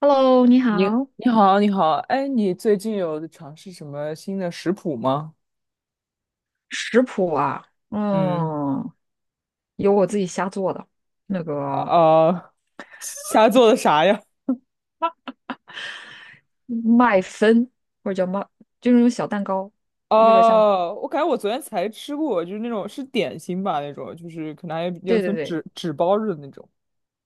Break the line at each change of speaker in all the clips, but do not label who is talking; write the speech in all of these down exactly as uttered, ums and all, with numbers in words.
Hello，你
你
好。
你好，你好，哎，你最近有尝试什么新的食谱吗？
食谱啊，
嗯，
嗯，有我自己瞎做的，那个
啊，啊瞎做的啥呀？
麦芬或者叫麦，就是那种小蛋糕，有点像。
哦，我感觉我昨天才吃过，就是那种是点心吧，那种就是可能还有
对对
层
对
纸纸包着的那种。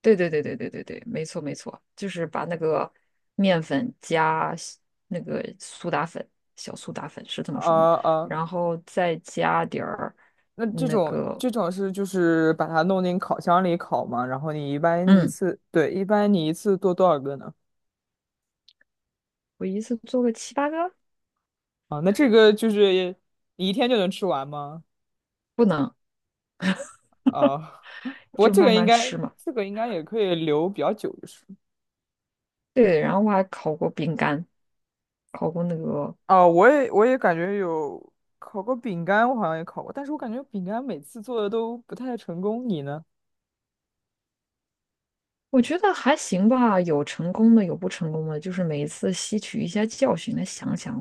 对对对对对对对，没错没错，就是把那个面粉加西那个苏打粉，小苏打粉是这么说吗？
啊啊，
然后再加点儿
那这
那
种
个，
这种是就是把它弄进烤箱里烤嘛，然后你一般一
嗯，
次，对，一般你一次做多少个呢？
我一次做个七八个，
啊，那这个就是你一天就能吃完吗？
不能，
啊，不过
就
这
慢
个应
慢
该，
吃嘛。
这个应该也可以留比较久，就是。
对，然后我还烤过饼干，烤过那个。
啊，我也我也感觉有烤过饼干，我好像也烤过，但是我感觉饼干每次做的都不太成功。你呢？
我觉得还行吧，有成功的，有不成功的，就是每一次吸取一下教训，来想想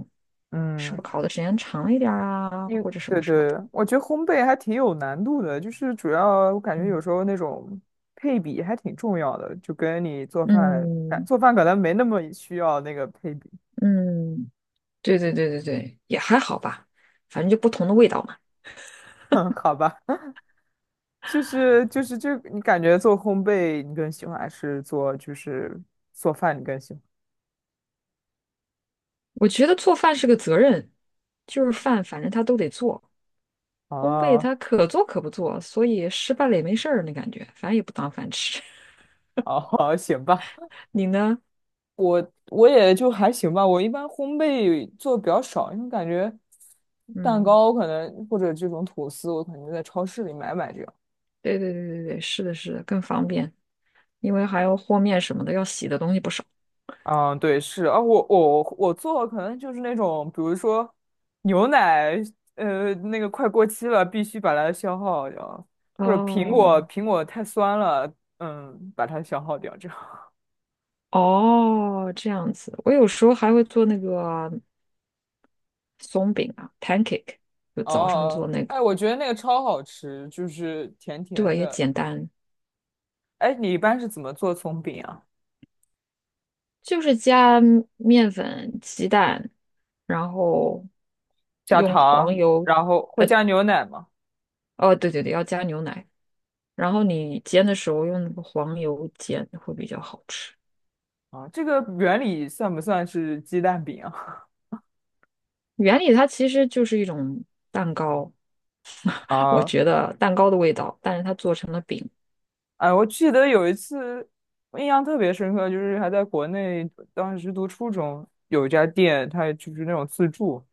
是
嗯，
不是考的时间长一点儿啊，
因
或者什
对
么什么的。
对，我觉得烘焙还挺有难度的，就是主要我感觉
嗯
有时候那种配比还挺重要的，就跟你做饭，感
嗯
做饭可能没那么需要那个配比。
嗯，对对对对对，也还好吧，反正就不同的味道嘛。
好吧。就是就是就你感觉做烘焙你更喜欢，还是做就是做饭你更喜欢？
我觉得做饭是个责任，就是饭反正他都得做，烘焙
哦
他可做可不做，所以失败了也没事儿那感觉，反正也不当饭吃。
哦，行吧，
你呢？
我也就还行吧。我一般烘焙做的比较少，因为感觉蛋
嗯。
糕可能或者这种吐司，我可能就在超市里买买这样。
对对对对对，是的，是的，更方便，因为还要和面什么的，要洗的东西不少。
嗯，对，是啊，我我我做可能就是那种，比如说牛奶，呃，那个快过期了，必须把它消耗掉，或者苹
哦
果苹果太酸了，嗯，把它消耗掉这样。
哦，这样子，我有时候还会做那个松饼啊，pancake，就早上做
哦，
那个，
哎，我觉得那个超好吃，就是甜甜
对，也
的。
简单，
哎，你一般是怎么做葱饼啊？
就是加面粉、鸡蛋，然后
加
用
糖，
黄油，
然后会加牛奶吗？
哦，对对对，要加牛奶，然后你煎的时候用那个黄油煎会比较好吃。
啊，这个原理算不算是鸡蛋饼啊？
原理它其实就是一种蛋糕，我
啊，
觉得蛋糕的味道，但是它做成了饼。
哎，我记得有一次，我印象特别深刻，就是还在国内，当时读初中，有一家店，它就是那种自助，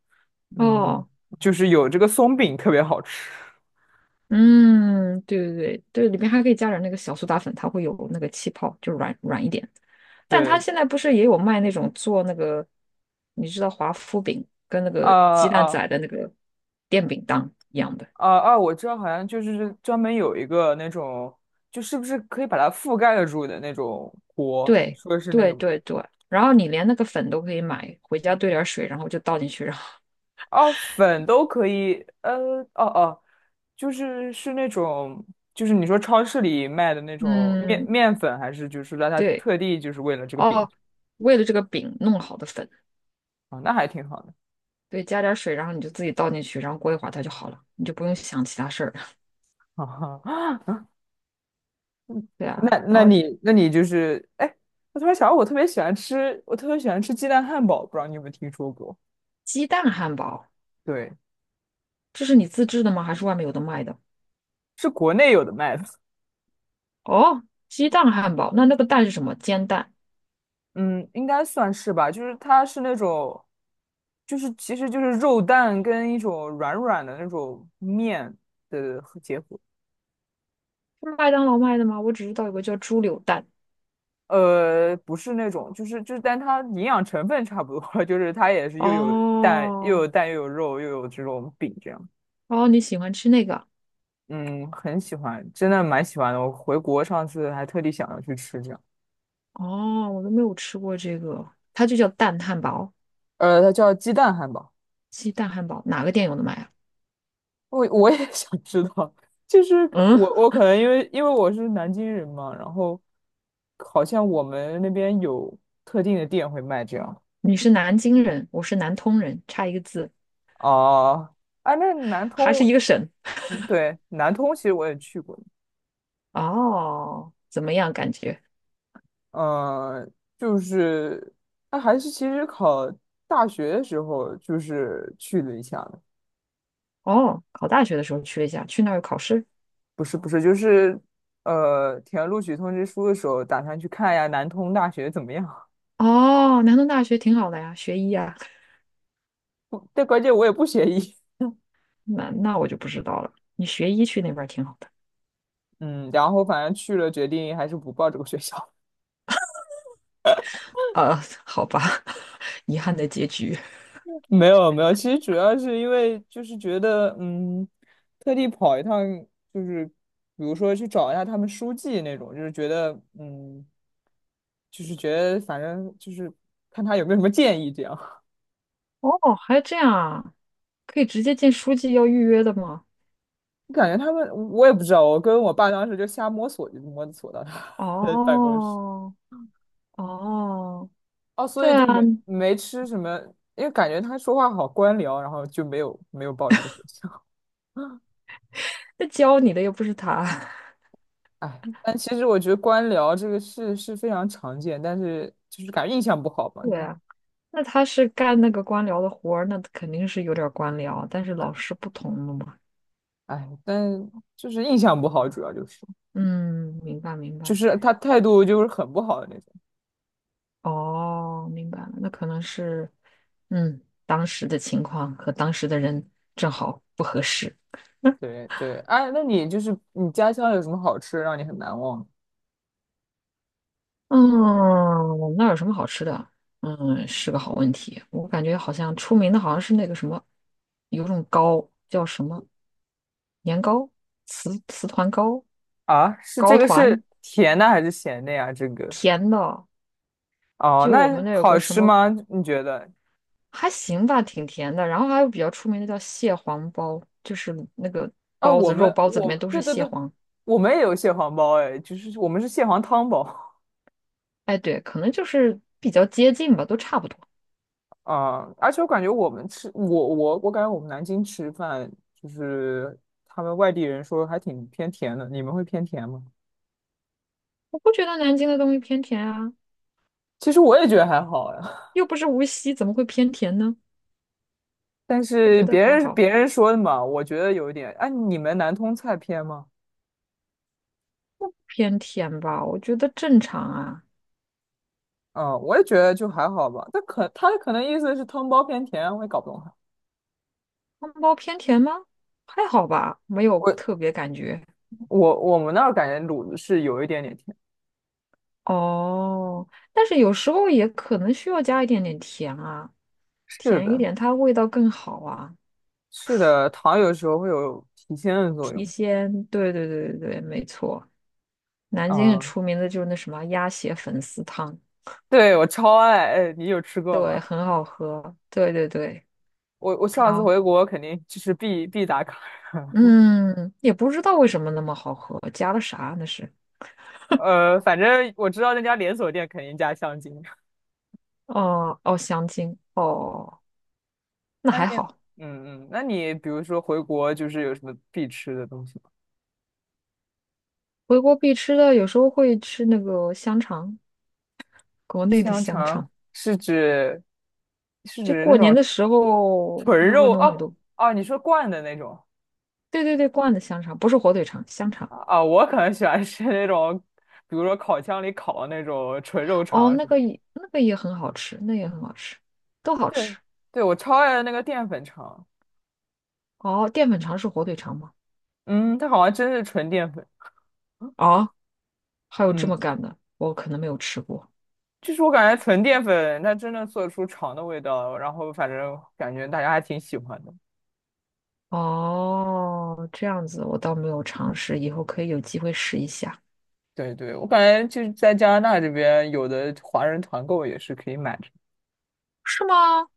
嗯，
哦，
就是有这个松饼特别好吃。
嗯，对对对对，里面还可以加点那个小苏打粉，它会有那个气泡，就软软一点。但它
对，
现在不是也有卖那种做那个，你知道华夫饼跟那
啊
个鸡蛋
啊。
仔的那个电饼铛一样的。
啊啊，我知道，好像就是专门有一个那种，就是不是可以把它覆盖得住的那种锅？你
对
说的是那
对
个吗？
对对，然后你连那个粉都可以买，回家兑点水，然后就倒进去，然后
哦，粉都可以，呃，哦哦，就是是那种，就是你说超市里卖的那 种面
嗯，
面粉，还是就是让它
对
特地就是为了这个饼
哦，为了这个饼弄好的粉。
啊，那还挺好的。
对，加点水，然后你就自己倒进去，然后过一会儿它就好了，你就不用想其他事儿。
啊
对啊，
那
然
那
后
你那你就是，哎，我突然想到，我特别喜欢吃，我特别喜欢吃鸡蛋汉堡，不知道你有没有听说过？
鸡蛋汉堡，
对，
这是你自制的吗？还是外面有的卖的？
是国内有的卖的。
哦，鸡蛋汉堡，那那个蛋是什么？煎蛋？
嗯，应该算是吧，就是它是那种，就是其实就是肉蛋跟一种软软的那种面的和结合，
是麦当劳卖的吗？我只知道有个叫猪柳蛋。
呃，不是那种，就是就是，但它营养成分差不多，就是它也是又有蛋又有
哦，
蛋又有肉又有这种饼这样，
哦，你喜欢吃那个？
嗯，很喜欢，真的蛮喜欢的，我回国上次还特地想要去吃这样，
哦，我都没有吃过这个，它就叫蛋汉堡，
呃，它叫鸡蛋汉堡。
鸡蛋汉堡，哪个店有的卖啊？
我我也 想知道，就是
嗯，
我我可能因为因为我是南京人嘛，然后好像我们那边有特定的店会卖这样。
你是南京人，我是南通人，差一个字，
哦，哎，那南
还是
通，
一个省。
嗯对，南通其实我也去过，
哦，怎么样感觉？
嗯，就是那还是其实考大学的时候就是去了一下的。
哦，考大学的时候去了一下，去那儿有考试。
不是不是，就是呃填录取通知书的时候，打算去看一下南通大学怎么样。
哦，南通大学挺好的呀，学医啊。
不但关键我也不学医，
那那我就不知道了，你学医去那边儿挺好的。
嗯，然后反正去了，决定还是不报这个学校。
呃，好吧，遗憾的结局。
没有没有，其实主要是因为就是觉得，嗯，特地跑一趟，就是比如说去找一下他们书记那种，就是觉得，嗯，就是觉得反正就是看他有没有什么建议这样。
哦，还这样啊？可以直接见书记要预约的吗？
感觉他们我也不知道，我跟我爸当时就瞎摸索，就摸索到他的 办公室。
哦，哦，
哦，所
对
以就
啊，
没没吃什么，因为感觉他说话好官僚，然后就没有没有报这个学校。
那教你的又不是他。
哎，但其实我觉得官僚这个事是非常常见，但是就是感觉印象不好嘛，
对
就
啊，那他是干那个官僚的活儿，那肯定是有点儿官僚，但是老师不同了嘛。
哎，但就是印象不好，主要就是
嗯，明白明
就
白。
是他态度就是很不好的那种。
哦，明白了，那可能是，嗯，当时的情况和当时的人正好不合适。
对对，哎，那你就是你家乡有什么好吃让你很难忘
嗯，那有什么好吃的？嗯，是个好问题。我感觉好像出名的好像是那个什么，有种糕叫什么年糕、糍糍团糕、
啊？是
糕
这个
团，
是甜的还是咸的呀？这个
甜的。
哦，
就我们
那
那有
好
个什
吃
么
吗？你觉得？
还行吧，挺甜的。然后还有比较出名的叫蟹黄包，就是那个
啊，
包
我
子，肉
们
包子里面
我
都
对
是
对
蟹
对，
黄。
我们也有蟹黄包哎，就是我们是蟹黄汤包。
哎，对，可能就是比较接近吧，都差不多。
啊，而且我感觉我们吃，我我我感觉我们南京吃饭，就是他们外地人说还挺偏甜的，你们会偏甜吗？
我不觉得南京的东西偏甜啊，
其实我也觉得还好呀，
又不是无锡，怎么会偏甜呢？
但
我
是
觉得
别
还
人
好，
别人说的嘛，我觉得有一点。哎，你们南通菜偏吗？
偏甜吧，我觉得正常啊。
嗯，我也觉得就还好吧。但可他可能意思是汤包偏甜啊，我也搞不懂他。
汤包偏甜吗？还好吧，没有特
我
别感觉。
我我们那儿感觉卤子是有一点点甜。
哦，但是有时候也可能需要加一点点甜啊，
是
甜一
的，
点它味道更好啊，
是的，糖有时候会有提鲜的作
提
用。
鲜。对对对对对，没错。南京很
啊，
出名的就是那什么鸭血粉丝汤，
对，我超爱。哎，你有吃过
对，
吗？
很好喝。对对对。
我我上次
然后，
回国肯定就是必必打卡啊，
嗯，也不知道为什么那么好喝，加了啥那是？
呃，反正我知道那家连锁店肯定加香精。
哦哦，香精哦，那
那你，
还好。
嗯嗯，那你比如说回国就是有什么必吃的东西吗？
回国必吃的，有时候会吃那个香肠，国内的
香
香
肠
肠。
是指是
就
指那
过年
种
的时候，不
纯
是会
肉
弄很
哦。
多？
哦，你说灌的那种。
对对对，灌的香肠，不是火腿肠，香肠。
啊啊，我可能喜欢吃那种，比如说烤箱里烤的那种纯肉
哦，
肠
那
什么
个
的。
也那个也很好吃，那也很好吃，都好
对
吃。
对，我超爱那个淀粉肠，
哦，淀粉肠是火腿肠吗？
嗯，它好像真是纯淀粉，
啊，还有这
嗯。
么干的，我可能没有吃过。
就是我感觉纯淀粉它真的做出肠的味道，然后反正感觉大家还挺喜欢的。
哦，这样子我倒没有尝试，以后可以有机会试一下。
对对，我感觉就是在加拿大这边有的华人团购也是可以买的。
是吗？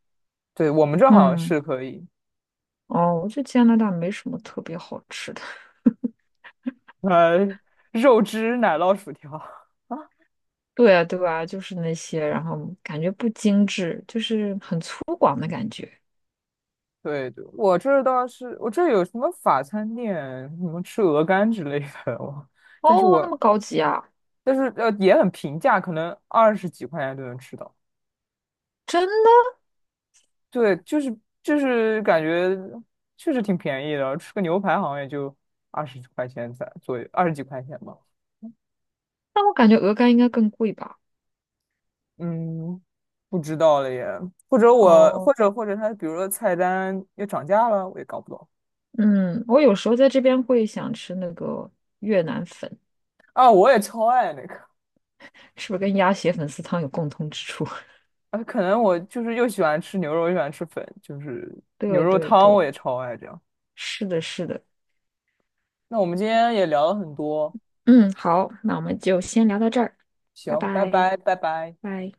对，我们这好像
嗯，
是可以，
哦，我觉得加拿大没什么特别好吃的，
呃，肉汁奶酪薯条。
对啊，对啊，就是那些，然后感觉不精致，就是很粗犷的感觉。
对对，我这儿倒是我这儿有什么法餐店，什么吃鹅肝之类的，我，但是
哦，那么
我
高级啊，
但是呃也很平价，可能二十几块钱就能吃到。
真的？
对，就是就是感觉确实挺便宜的，吃个牛排好像也就二十块钱才左右，二十几块钱吧。
那我感觉鹅肝应该更贵吧？
嗯，不知道了耶。或者我或
哦，
者或者他比如说菜单又涨价了，我也搞不懂
嗯，我有时候在这边会想吃那个越南粉，
啊。我也超爱那个，
是不是跟鸭血粉丝汤有共通之处？
啊，可能我就是又喜欢吃牛肉，又喜欢吃粉，就是牛
对
肉
对
汤
对，
我也超爱这样。
是的，是的。
那我们今天也聊了很多，
嗯，好，那我们就先聊到这儿，拜
行，拜
拜，
拜，拜拜。
拜。